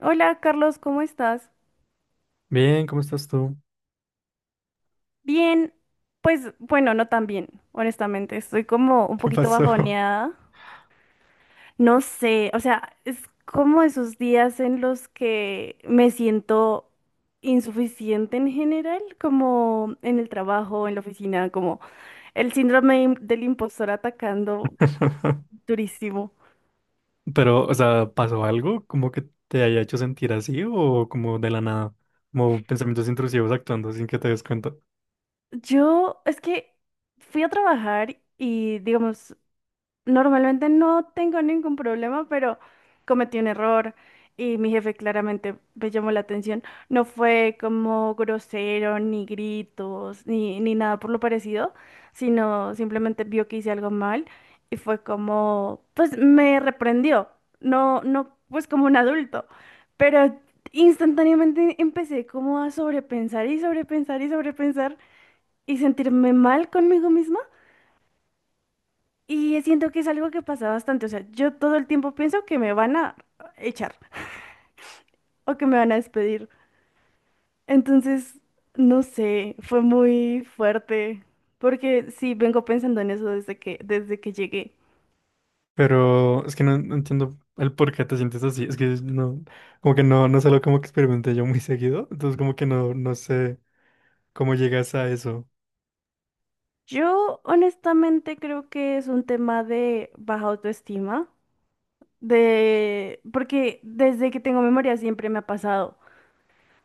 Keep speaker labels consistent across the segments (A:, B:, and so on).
A: Hola Carlos, ¿cómo estás?
B: Bien, ¿cómo estás tú?
A: Bien, pues bueno, no tan bien, honestamente. Estoy como un
B: ¿Qué
A: poquito
B: pasó?
A: bajoneada. No sé, o sea, es como esos días en los que me siento insuficiente en general, como en el trabajo, en la oficina, como el síndrome del impostor atacando durísimo.
B: Pero, o sea, ¿pasó algo como que te haya hecho sentir así o como de la nada? Como pensamientos intrusivos actuando sin que te des cuenta.
A: Yo es que fui a trabajar y, digamos, normalmente no tengo ningún problema, pero cometí un error y mi jefe claramente me llamó la atención. No fue como grosero, ni gritos, ni nada por lo parecido, sino simplemente vio que hice algo mal y fue como, pues me reprendió, no, no, pues como un adulto, pero instantáneamente empecé como a sobrepensar y sobrepensar y sobrepensar y sentirme mal conmigo misma. Y siento que es algo que pasa bastante. O sea, yo todo el tiempo pienso que me van a echar o que me van a despedir. Entonces, no sé, fue muy fuerte. Porque sí, vengo pensando en eso desde que llegué.
B: Pero es que no entiendo el por qué te sientes así. Es que no, como que no solo como que experimenté yo muy seguido. Entonces como que no, no sé cómo llegas a eso.
A: Yo honestamente creo que es un tema de baja autoestima. De... Porque desde que tengo memoria siempre me ha pasado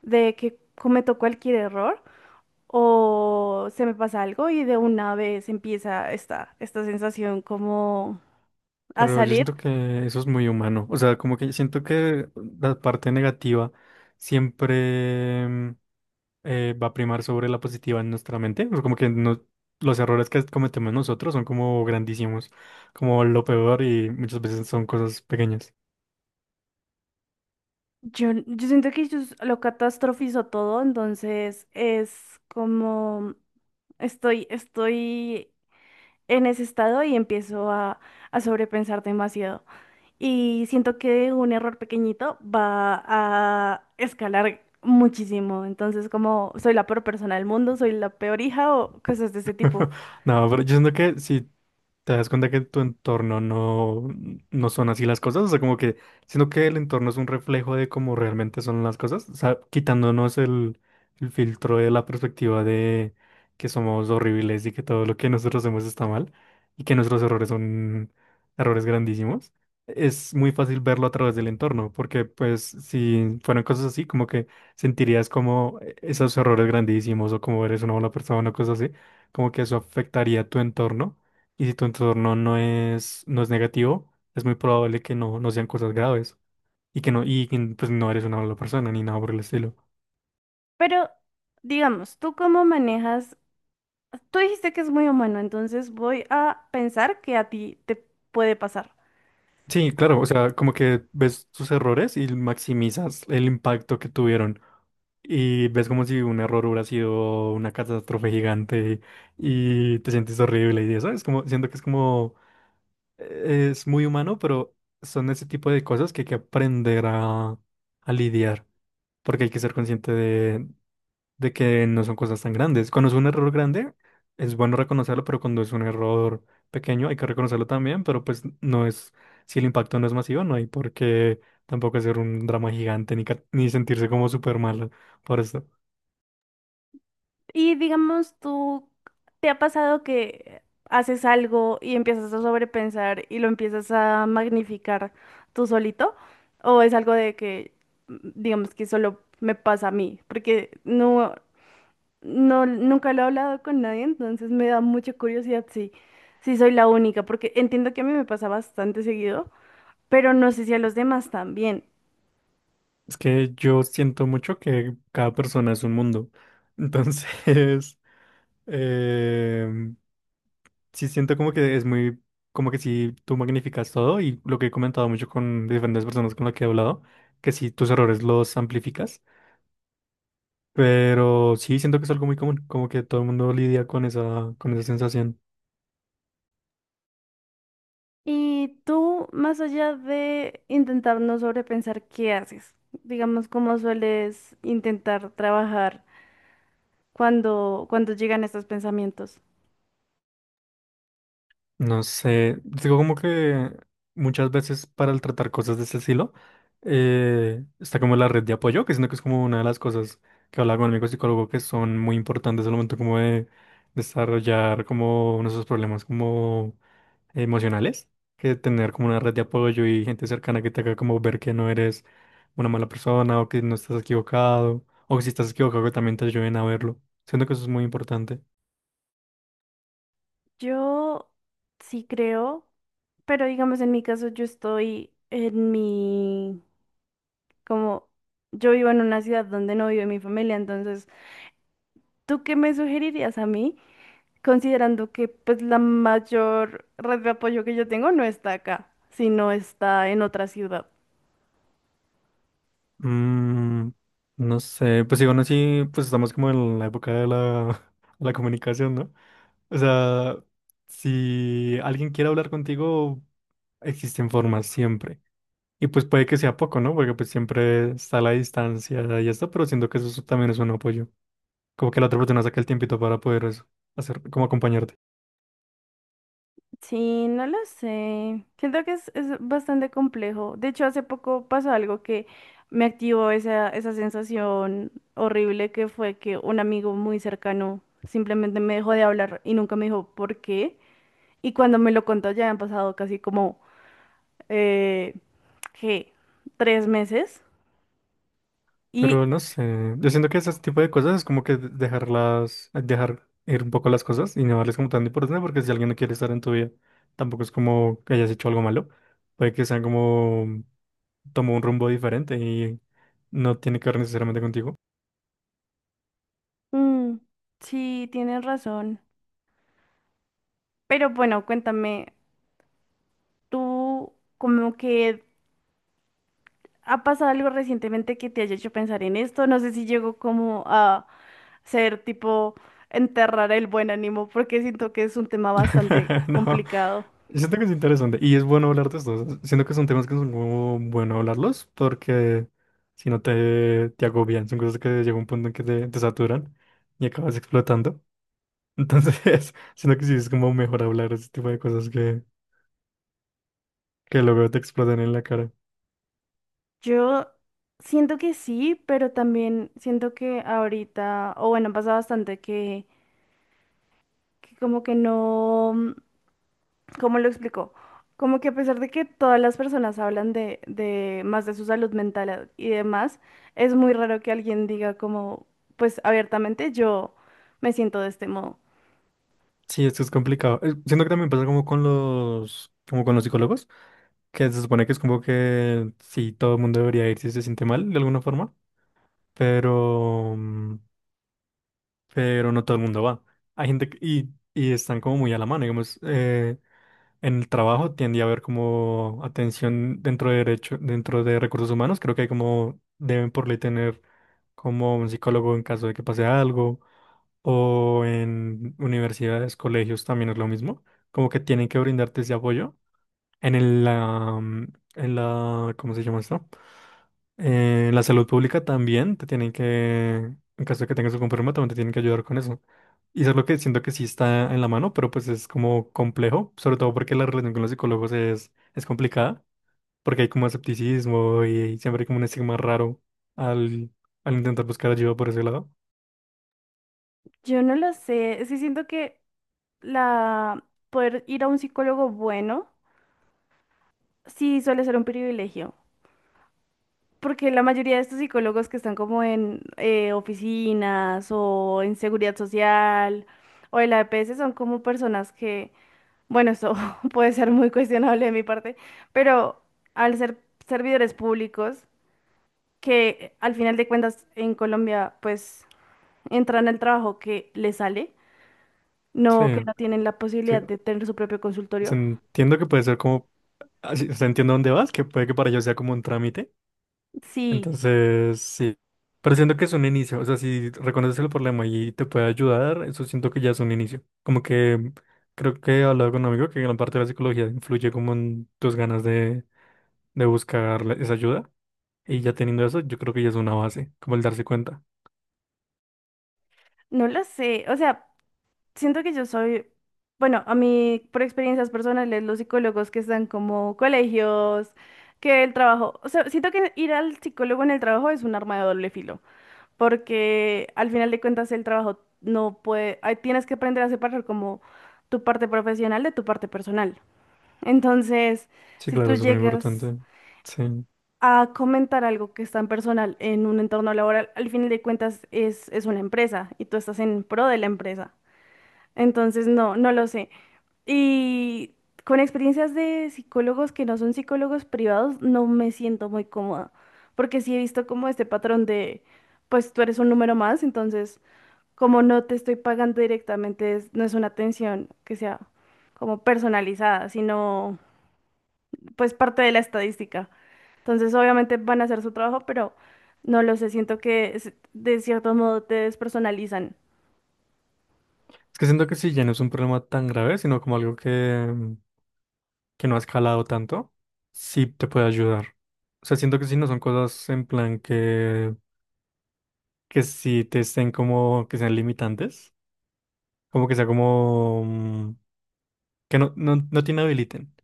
A: de que cometo cualquier error, o se me pasa algo y de una vez empieza esta sensación como a
B: Pero yo
A: salir.
B: siento que eso es muy humano. O sea, como que siento que la parte negativa siempre... va a primar sobre la positiva en nuestra mente. O sea, como que no, los errores que cometemos nosotros son como grandísimos, como lo peor, y muchas veces son cosas pequeñas.
A: Yo siento que yo lo catastrofizo todo, entonces es como estoy en ese estado y empiezo a sobrepensar demasiado. Y siento que un error pequeñito va a escalar muchísimo. Entonces, como soy la peor persona del mundo, soy la peor hija o cosas de ese tipo.
B: No, pero yo siento que si te das cuenta que en tu entorno no son así las cosas. O sea, como que siento que el entorno es un reflejo de cómo realmente son las cosas, o sea, quitándonos el filtro de la perspectiva de que somos horribles y que todo lo que nosotros hacemos está mal, y que nuestros errores son errores grandísimos, es muy fácil verlo a través del entorno, porque pues si fueran cosas así, como que sentirías como e-, esos errores grandísimos, o como eres una mala persona o cosas así, como que eso afectaría tu entorno. Y si tu entorno no es negativo, es muy probable que no sean cosas graves, y que no, y que, pues no eres una mala persona ni nada por el estilo.
A: Pero, digamos, ¿tú cómo manejas? Tú dijiste que es muy humano, entonces voy a pensar que a ti te puede pasar.
B: Sí, claro, o sea, como que ves tus errores y maximizas el impacto que tuvieron. Y ves como si un error hubiera sido una catástrofe gigante y te sientes horrible y eso. Es como, siento que es como, es muy humano, pero son ese tipo de cosas que hay que aprender a lidiar. Porque hay que ser consciente de que no son cosas tan grandes. Cuando es un error grande, es bueno reconocerlo, pero cuando es un error pequeño, hay que reconocerlo también, pero pues no es, si el impacto no es masivo, no hay por qué tampoco hacer un drama gigante ni, ca- ni sentirse como súper malo por eso.
A: Y digamos, tú te ha pasado que haces algo y empiezas a sobrepensar y lo empiezas a magnificar tú solito, o es algo de que, digamos, que solo me pasa a mí, porque no, nunca lo he hablado con nadie, entonces me da mucha curiosidad si, si soy la única, porque entiendo que a mí me pasa bastante seguido, pero no sé si a los demás también.
B: Es que yo siento mucho que cada persona es un mundo. Entonces, Eh, sí siento como que es muy, como que sí tú magnificas todo, y lo que he comentado mucho con diferentes personas con las que he hablado, que sí tus errores los amplificas, pero sí siento que es algo muy común, como que todo el mundo lidia con esa sensación.
A: Y tú, más allá de intentar no sobrepensar qué haces, digamos, cómo sueles intentar trabajar cuando llegan estos pensamientos.
B: No sé, digo como que muchas veces para el tratar cosas de ese estilo está como la red de apoyo, que siento que es como una de las cosas que hablaba con mi amigo psicólogo, que son muy importantes al momento como de desarrollar como nuestros problemas como emocionales, que tener como una red de apoyo y gente cercana que te haga como ver que no eres una mala persona, o que no estás equivocado, o que si estás equivocado, que también te ayuden a verlo. Siento que eso es muy importante.
A: Yo sí creo, pero digamos, en mi caso, yo estoy en mi, como, yo vivo en una ciudad donde no vive mi familia, entonces, ¿tú qué me sugerirías a mí? Considerando que pues la mayor red de apoyo que yo tengo no está acá, sino está en otra ciudad.
B: Mm, no sé, pues igual así, pues estamos como en la época de la comunicación, ¿no? O sea, si alguien quiere hablar contigo, existen formas siempre. Y pues puede que sea poco, ¿no? Porque pues siempre está la distancia y esto, pero siento que eso también es un apoyo. Como que la otra persona saca el tiempito para poder eso, hacer, como acompañarte.
A: Sí, no lo sé. Siento que es bastante complejo. De hecho, hace poco pasó algo que me activó esa sensación horrible, que fue que un amigo muy cercano simplemente me dejó de hablar y nunca me dijo por qué. Y cuando me lo contó ya han pasado casi como, eh, ¿qué? Tres meses.
B: Pero
A: Y
B: no sé, yo siento que ese tipo de cosas es como que de- dejarlas, dejar ir un poco las cosas y no darles como tan importancia, porque si alguien no quiere estar en tu vida, tampoco es como que hayas hecho algo malo. Puede que sean como, tomó un rumbo diferente y no tiene que ver necesariamente contigo.
A: mm, sí, tienes razón. Pero bueno, cuéntame, tú como que ha pasado algo recientemente que te haya hecho pensar en esto. No sé si llegó como a ser tipo enterrar el buen ánimo, porque siento que es un tema bastante
B: No,
A: complicado.
B: siento que es interesante y es bueno hablar de esto. Siento que son temas que son como bueno hablarlos, porque si no te agobian, son cosas que llega un punto en que te saturan y acabas explotando. Entonces, sino que sí es como mejor hablar ese tipo de cosas que luego te explotan en la cara.
A: Yo siento que sí, pero también siento que ahorita, o bueno, pasa bastante que como que no. ¿Cómo lo explico? Como que a pesar de que todas las personas hablan de más de su salud mental y demás, es muy raro que alguien diga como, pues abiertamente, yo me siento de este modo.
B: Sí, esto es complicado. Siento que también pasa como con como con los psicólogos, que se supone que es como que sí, todo el mundo debería ir si se siente mal de alguna forma, pero, mm, pero no todo el mundo va. Hay gente que, y están como muy a la mano, digamos, en el trabajo tiende a haber como atención dentro de derecho, dentro de recursos humanos, creo que hay como deben por ley tener como un psicólogo en caso de que pase algo, o en universidades, colegios también es lo mismo, como que tienen que brindarte ese apoyo en en la, ¿cómo se llama esto? La salud pública también te tienen que, en caso de que tengas un problema, también te tienen que ayudar con eso. Y eso es lo que siento que sí está en la mano, pero pues es como complejo, sobre todo porque la relación con los psicólogos es complicada, porque hay como escepticismo y, siempre hay como un estigma raro al, al intentar buscar ayuda por ese lado.
A: Yo no lo sé, sí siento que la poder ir a un psicólogo bueno sí suele ser un privilegio, porque la mayoría de estos psicólogos que están como en oficinas o en seguridad social o en la EPS son como personas que bueno, eso puede ser muy cuestionable de mi parte, pero al ser servidores públicos, que al final de cuentas en Colombia pues entran al trabajo que les sale,
B: Sí,
A: no que no tienen la
B: sí.
A: posibilidad de tener su propio
B: Se-
A: consultorio.
B: entiendo que puede ser como, así- o sea, entiendo dónde vas, que puede que para ellos sea como un trámite.
A: Sí,
B: Entonces, sí. Pero siento que es un inicio. O sea, si reconoces el problema y te puede ayudar, eso siento que ya es un inicio. Como que creo que he hablado con un amigo que gran parte de la psicología influye como en tus ganas de buscar la- esa ayuda. Y ya teniendo eso, yo creo que ya es una base, como el darse cuenta.
A: no lo sé, o sea, siento que yo soy, bueno, a mí por experiencias personales, los psicólogos que están como colegios, que el trabajo, o sea, siento que ir al psicólogo en el trabajo es un arma de doble filo, porque al final de cuentas el trabajo no puede, ahí tienes que aprender a separar como tu parte profesional de tu parte personal. Entonces,
B: Sí,
A: si
B: claro,
A: tú
B: eso es muy
A: llegas
B: importante. Sí. Es
A: a comentar algo que es tan personal en un entorno laboral, al final de cuentas es una empresa y tú estás en pro de la empresa. Entonces, no lo sé. Y con experiencias de psicólogos que no son psicólogos privados, no me siento muy cómoda, porque sí he visto como este patrón de, pues tú eres un número más, entonces como no te estoy pagando directamente, no es una atención que sea como personalizada, sino pues parte de la estadística. Entonces, obviamente van a hacer su trabajo, pero no lo sé, siento que de cierto modo te despersonalizan.
B: que siento que si ya no es un problema tan grave, sino como algo que, mm, que no ha escalado tanto, sí te puede ayudar. O sea, siento que si no son cosas en plan que sí te estén como, que sean limitantes, como que sea como, mm, que no te inhabiliten.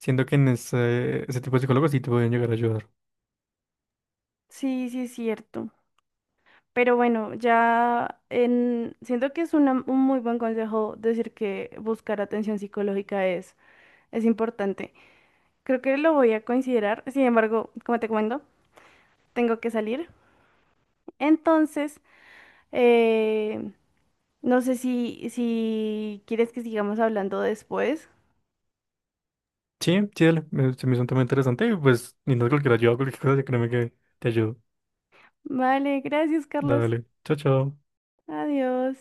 B: Siento que en ese, ese tipo de psicólogos sí te pueden llegar a ayudar.
A: Sí, sí, es cierto. Pero bueno, ya en... siento que es un muy buen consejo decir que buscar atención psicológica es importante. Creo que lo voy a considerar. Sin embargo, como te comento, tengo que salir. Entonces... Eh, no sé si, si quieres que sigamos hablando después.
B: Sí, sí, dale, me- se me hizo un tema interesante y pues, ni no cualquier ayuda, cualquier cosa, créeme que te ayudo.
A: Vale, gracias, Carlos.
B: Dale, chao, chao.
A: Adiós.